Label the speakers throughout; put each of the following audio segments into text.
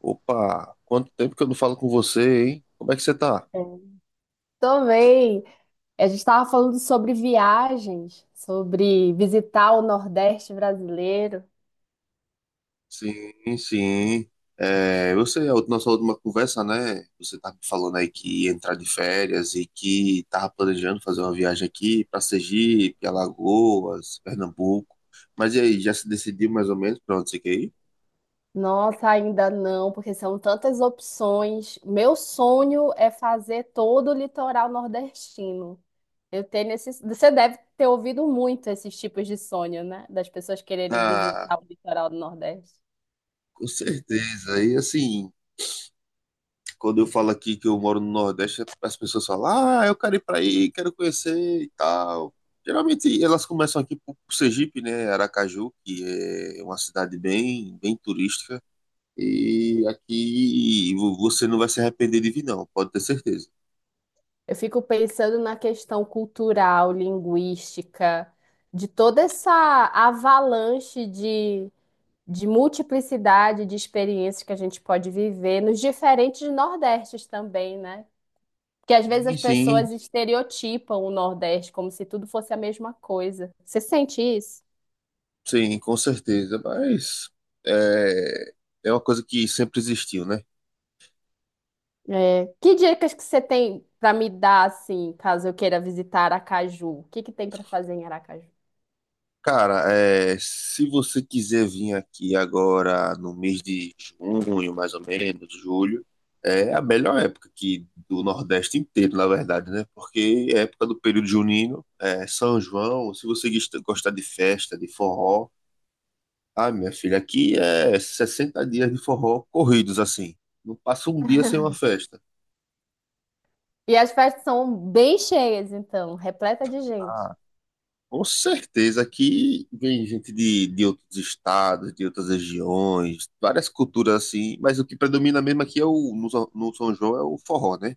Speaker 1: Opa, quanto tempo que eu não falo com você, hein? Como é que você tá?
Speaker 2: Também, a gente estava falando sobre viagens, sobre visitar o Nordeste brasileiro.
Speaker 1: Sim, sim. É, eu sei, nossa última conversa, né? Você tá me falando aí que ia entrar de férias e que tava planejando fazer uma viagem aqui pra Sergipe, Alagoas, Pernambuco. Mas e aí, já se decidiu mais ou menos pra onde você quer ir?
Speaker 2: Nossa, ainda não, porque são tantas opções. Meu sonho é fazer todo o litoral nordestino. Eu tenho esse... Você deve ter ouvido muito esses tipos de sonho, né? Das pessoas quererem
Speaker 1: Ah,
Speaker 2: visitar o litoral do Nordeste.
Speaker 1: com certeza. E assim, quando eu falo aqui que eu moro no Nordeste, as pessoas falam, ah, eu quero ir pra aí, quero conhecer e tal. Geralmente elas começam aqui por Sergipe, né, Aracaju, que é uma cidade bem, bem turística. E aqui você não vai se arrepender de vir, não, pode ter certeza.
Speaker 2: Eu fico pensando na questão cultural, linguística, de toda essa avalanche de multiplicidade de experiências que a gente pode viver nos diferentes Nordestes também, né? Porque às vezes
Speaker 1: Sim,
Speaker 2: as
Speaker 1: sim,
Speaker 2: pessoas estereotipam o Nordeste como se tudo fosse a mesma coisa. Você sente isso?
Speaker 1: sim, com certeza. Mas é, é uma coisa que sempre existiu, né?
Speaker 2: É. Que dicas que você tem para me dar, assim, caso eu queira visitar Aracaju? O que que tem para fazer em Aracaju?
Speaker 1: Cara, é, se você quiser vir aqui agora no mês de junho, mais ou menos, julho, é a melhor época aqui do Nordeste inteiro, na verdade, né? Porque é época do período junino, é São João, se você gostar de festa, de forró, ah, minha filha, aqui é 60 dias de forró corridos, assim. Não passa um dia sem uma festa.
Speaker 2: E as festas são bem cheias, então, repleta de gente.
Speaker 1: Com certeza, aqui vem gente de outros estados, de outras regiões, várias culturas assim, mas o que predomina mesmo aqui é o, no, São- no São João é o forró, né?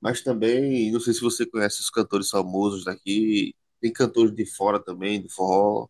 Speaker 1: Mas também, não sei se você conhece os cantores famosos daqui, tem cantores de fora também, do forró,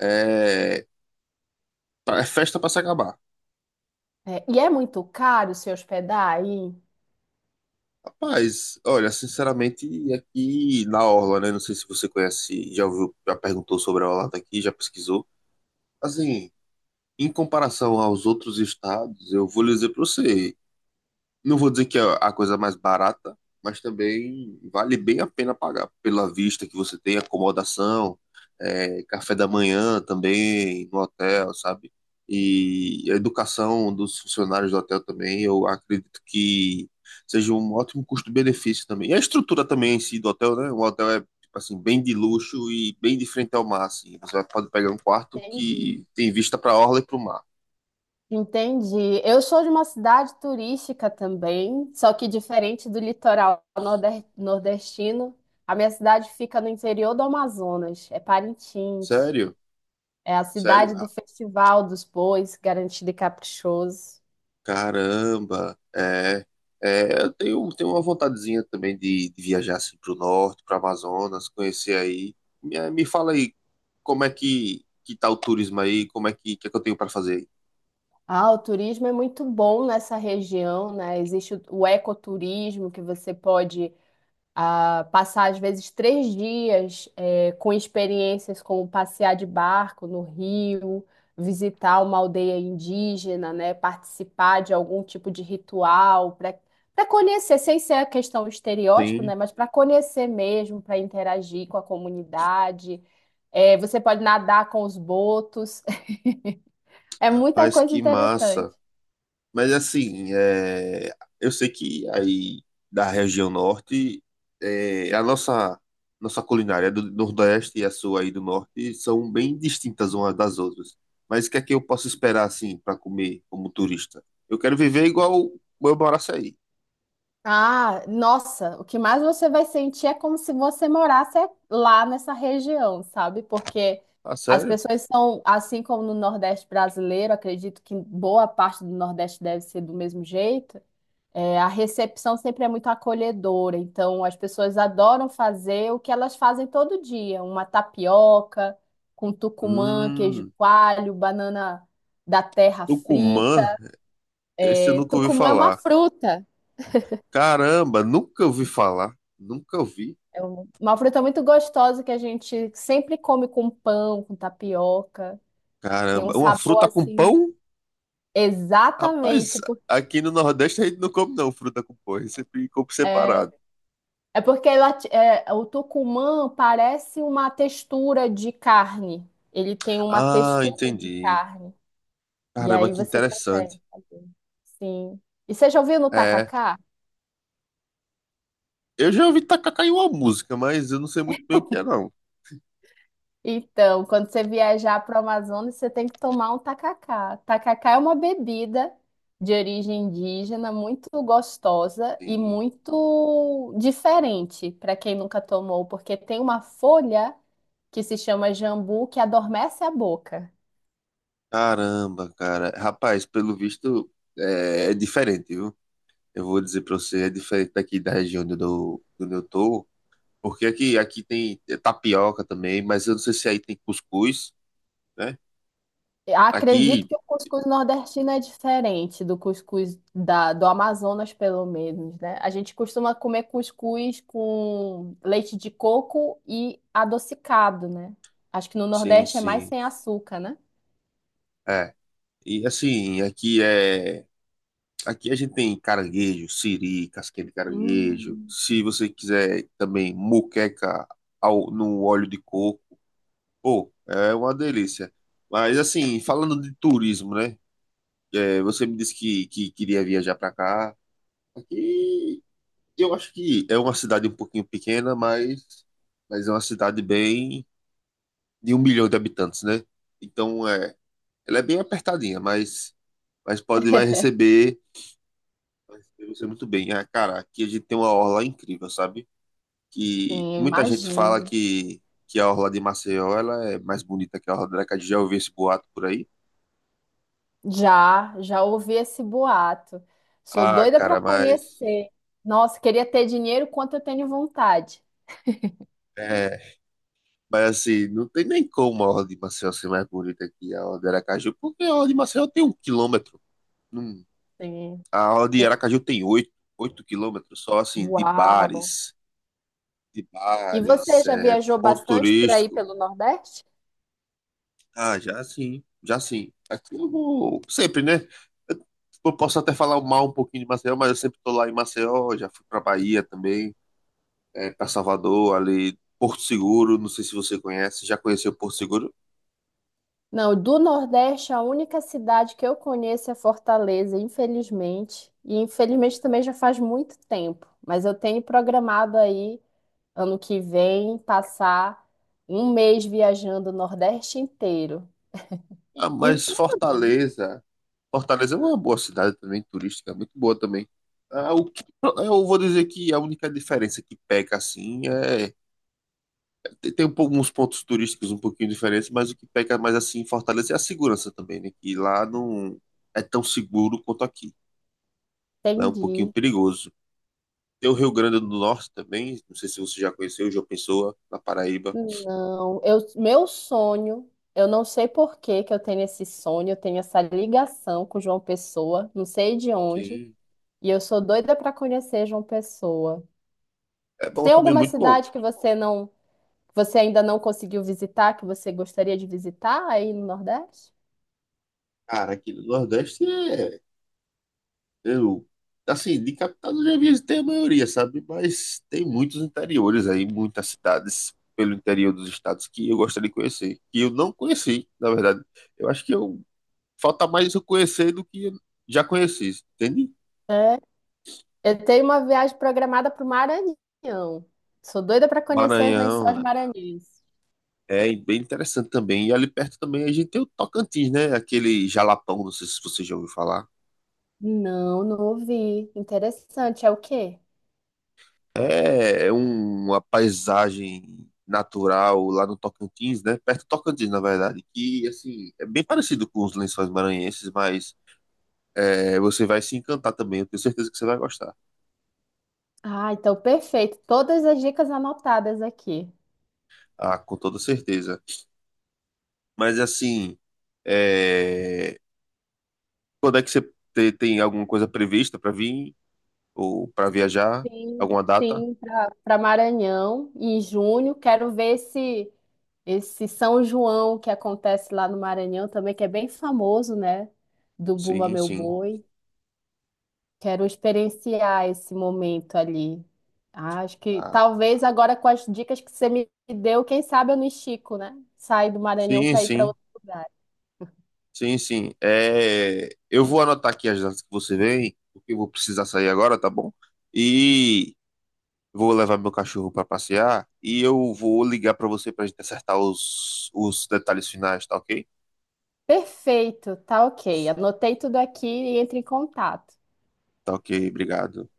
Speaker 1: é, é festa pra se acabar.
Speaker 2: É, e é muito caro se hospedar aí?
Speaker 1: Rapaz, olha, sinceramente, aqui na Orla, né? Não sei se você conhece, já ouviu, já perguntou sobre a Orla daqui, já pesquisou. Assim, em comparação aos outros estados, eu vou lhe dizer para você, não vou dizer que é a coisa mais barata, mas também vale bem a pena pagar pela vista que você tem, acomodação, é, café da manhã também no hotel, sabe? E a educação dos funcionários do hotel também, eu acredito que seja um ótimo custo-benefício também. E a estrutura também em si do hotel, né? O hotel é tipo assim bem de luxo e bem de frente ao mar, assim. Você pode pegar um quarto
Speaker 2: Entendi.
Speaker 1: que tem vista para a orla e para o mar.
Speaker 2: Entendi. Eu sou de uma cidade turística também, só que diferente do litoral nordestino, a minha cidade fica no interior do Amazonas, é Parintins.
Speaker 1: Sério?
Speaker 2: É a
Speaker 1: Sério?
Speaker 2: cidade do
Speaker 1: Ah,
Speaker 2: Festival dos Bois, Garantido e Caprichoso.
Speaker 1: caramba! É, é, tenho uma vontadezinha também de viajar assim para o norte, para Amazonas, conhecer aí. Me fala aí como é que tá o turismo aí, como é que é que eu tenho para fazer aí?
Speaker 2: Ah, o turismo é muito bom nessa região, né? Existe o ecoturismo, que você pode a passar às vezes 3 dias com experiências como passear de barco no rio, visitar uma aldeia indígena, né, participar de algum tipo de ritual para conhecer, sem ser a questão estereótipo,
Speaker 1: Sim,
Speaker 2: né, mas para conhecer mesmo, para interagir com a comunidade. Você pode nadar com os botos. É muita
Speaker 1: rapaz,
Speaker 2: coisa
Speaker 1: que
Speaker 2: interessante.
Speaker 1: massa! Mas assim, é, eu sei que aí da região norte, é, a nossa culinária do Nordeste e a sua aí do Norte são bem distintas umas das outras. Mas o que é que eu posso esperar assim para comer como turista? Eu quero viver igual o meu Baraçaí.
Speaker 2: Ah, nossa, o que mais você vai sentir é como se você morasse lá nessa região, sabe? Porque
Speaker 1: Ah,
Speaker 2: as
Speaker 1: sério?
Speaker 2: pessoas são, assim como no Nordeste brasileiro, acredito que boa parte do Nordeste deve ser do mesmo jeito. É, a recepção sempre é muito acolhedora, então as pessoas adoram fazer o que elas fazem todo dia, uma tapioca com tucumã, queijo
Speaker 1: Hum,
Speaker 2: coalho, banana da terra frita.
Speaker 1: Tucumã, esse eu nunca ouvi
Speaker 2: Tucumã é uma
Speaker 1: falar.
Speaker 2: fruta.
Speaker 1: Caramba, nunca ouvi falar. Nunca ouvi.
Speaker 2: Uma fruta muito gostosa que a gente sempre come com pão, com tapioca. Tem um
Speaker 1: Caramba, uma
Speaker 2: sabor
Speaker 1: fruta com
Speaker 2: assim.
Speaker 1: pão? Rapaz,
Speaker 2: Exatamente.
Speaker 1: aqui no Nordeste a gente não come não fruta com porra, sempre come
Speaker 2: É,
Speaker 1: separado.
Speaker 2: é porque o tucumã parece uma textura de carne. Ele tem uma
Speaker 1: Ah,
Speaker 2: textura de
Speaker 1: entendi.
Speaker 2: carne. E
Speaker 1: Caramba,
Speaker 2: aí
Speaker 1: que
Speaker 2: você
Speaker 1: interessante.
Speaker 2: consegue fazer. Sim. E você já ouviu no
Speaker 1: É,
Speaker 2: tacacá?
Speaker 1: eu já ouvi tacacá em uma música, mas eu não sei muito bem o que é não.
Speaker 2: Então, quando você viajar para o Amazonas, você tem que tomar um tacacá. Tacacá é uma bebida de origem indígena muito gostosa e
Speaker 1: Sim.
Speaker 2: muito diferente para quem nunca tomou, porque tem uma folha que se chama jambu que adormece a boca.
Speaker 1: Caramba, cara. Rapaz, pelo visto é, é diferente, viu? Eu vou dizer pra você, é diferente daqui da região onde onde eu tô, porque aqui tem é tapioca também, mas eu não sei se aí tem cuscuz, né?
Speaker 2: Acredito
Speaker 1: Aqui,
Speaker 2: que o cuscuz nordestino é diferente do cuscuz do Amazonas, pelo menos, né? A gente costuma comer cuscuz com leite de coco e adocicado, né? Acho que no
Speaker 1: sim,
Speaker 2: Nordeste é mais
Speaker 1: sim.
Speaker 2: sem açúcar, né?
Speaker 1: É. E assim, aqui a gente tem caranguejo, siri, casquinha de caranguejo.
Speaker 2: Hum.
Speaker 1: Se você quiser também moqueca no óleo de coco, pô, é uma delícia. Mas assim, falando de turismo, né? É, você me disse que queria viajar para cá. Aqui eu acho que é uma cidade um pouquinho pequena, mas é uma cidade bem de 1 milhão de habitantes, né? Então é, ela é bem apertadinha, mas pode vai receber. Eu sei muito bem. Ah, cara, aqui a gente tem uma orla incrível, sabe? Que
Speaker 2: Sim, eu
Speaker 1: muita gente fala
Speaker 2: imagino.
Speaker 1: que a orla de Maceió ela é mais bonita que a orla de Aracaju. Já ouvi esse boato por aí?
Speaker 2: Já, já ouvi esse boato. Sou
Speaker 1: Ah,
Speaker 2: doida para
Speaker 1: cara, mas
Speaker 2: conhecer. Nossa, queria ter dinheiro quanto eu tenho vontade.
Speaker 1: é, mas assim, não tem nem como a orla de Maceió ser mais bonita que a orla de Aracaju, porque a orla de Maceió tem 1 quilômetro. Hum,
Speaker 2: Sim,
Speaker 1: a orla de
Speaker 2: sim.
Speaker 1: Aracaju tem 8 quilômetros só assim
Speaker 2: Uau!
Speaker 1: de
Speaker 2: E você
Speaker 1: bares,
Speaker 2: já
Speaker 1: é,
Speaker 2: viajou
Speaker 1: ponto
Speaker 2: bastante por aí
Speaker 1: turístico.
Speaker 2: pelo Nordeste?
Speaker 1: Ah, já sim, já sim. Aqui eu vou sempre, né? Eu, eu posso até falar mal um pouquinho de Maceió, mas eu sempre tô lá em Maceió, já fui pra Bahia também, é, para Salvador, ali, Porto Seguro, não sei se você conhece, já conheceu Porto Seguro?
Speaker 2: Não, do Nordeste, a única cidade que eu conheço é Fortaleza, infelizmente. E infelizmente também já faz muito tempo. Mas eu tenho programado aí, ano que vem, passar um mês viajando o Nordeste inteiro.
Speaker 1: Ah, mas Fortaleza, Fortaleza é uma boa cidade também, turística, muito boa também. Ah, o que, eu vou dizer que a única diferença que peca assim é tem uns pontos turísticos um pouquinho diferentes, mas o que peca mais assim em Fortaleza é a segurança também, né? Que lá não é tão seguro quanto aqui. Lá é um pouquinho
Speaker 2: Entendi.
Speaker 1: perigoso. Tem o Rio Grande do Norte também, não sei se você já conheceu, João Pessoa, na Paraíba.
Speaker 2: Não, eu, meu sonho, eu não sei por que que eu tenho esse sonho, eu tenho essa ligação com João Pessoa, não sei de onde.
Speaker 1: Sim.
Speaker 2: E eu sou doida para conhecer João Pessoa.
Speaker 1: É bom
Speaker 2: Tem
Speaker 1: também,
Speaker 2: alguma
Speaker 1: muito bom.
Speaker 2: cidade que você não, que você ainda não conseguiu visitar, que você gostaria de visitar aí no Nordeste?
Speaker 1: Cara, aqui no Nordeste é. Eu, assim, de capital eu já vi tem a maioria, sabe? Mas tem muitos interiores aí, muitas cidades pelo interior dos estados que eu gostaria de conhecer. Que eu não conheci, na verdade. Eu acho que eu falta mais eu conhecer do que já conheci, entende?
Speaker 2: É. Eu tenho uma viagem programada para o Maranhão. Sou doida para conhecer os lençóis
Speaker 1: Maranhão
Speaker 2: maranhenses.
Speaker 1: é bem interessante também. E ali perto também a gente tem o Tocantins, né? Aquele jalapão, não sei se você já ouviu falar.
Speaker 2: Não, não ouvi. Interessante. É o quê?
Speaker 1: Uma paisagem natural lá no Tocantins, né? Perto do Tocantins, na verdade, que assim é bem parecido com os Lençóis Maranhenses, mas é, você vai se encantar também. Eu tenho certeza que você vai gostar,
Speaker 2: Ah, então perfeito. Todas as dicas anotadas aqui.
Speaker 1: ah, com toda certeza. Mas assim, é, quando é que você tem alguma coisa prevista para vir ou para viajar?
Speaker 2: Sim,
Speaker 1: Alguma data?
Speaker 2: sim, para Maranhão em junho. Quero ver esse, esse São João que acontece lá no Maranhão também, que é bem famoso, né? Do Bumba
Speaker 1: Sim,
Speaker 2: Meu
Speaker 1: sim.
Speaker 2: Boi. Quero experienciar esse momento ali. Ah, acho que
Speaker 1: Ah,
Speaker 2: talvez agora com as dicas que você me deu, quem sabe eu não estico, né? Saio do Maranhão
Speaker 1: sim,
Speaker 2: para ir para
Speaker 1: sim.
Speaker 2: outro lugar.
Speaker 1: Sim, sim. É, eu vou anotar aqui as datas que você vem, porque eu vou precisar sair agora, tá bom? E vou levar meu cachorro para passear e eu vou ligar para você para gente acertar os detalhes finais, tá ok?
Speaker 2: Perfeito, tá ok. Anotei tudo aqui e entre em contato.
Speaker 1: Tá ok, obrigado.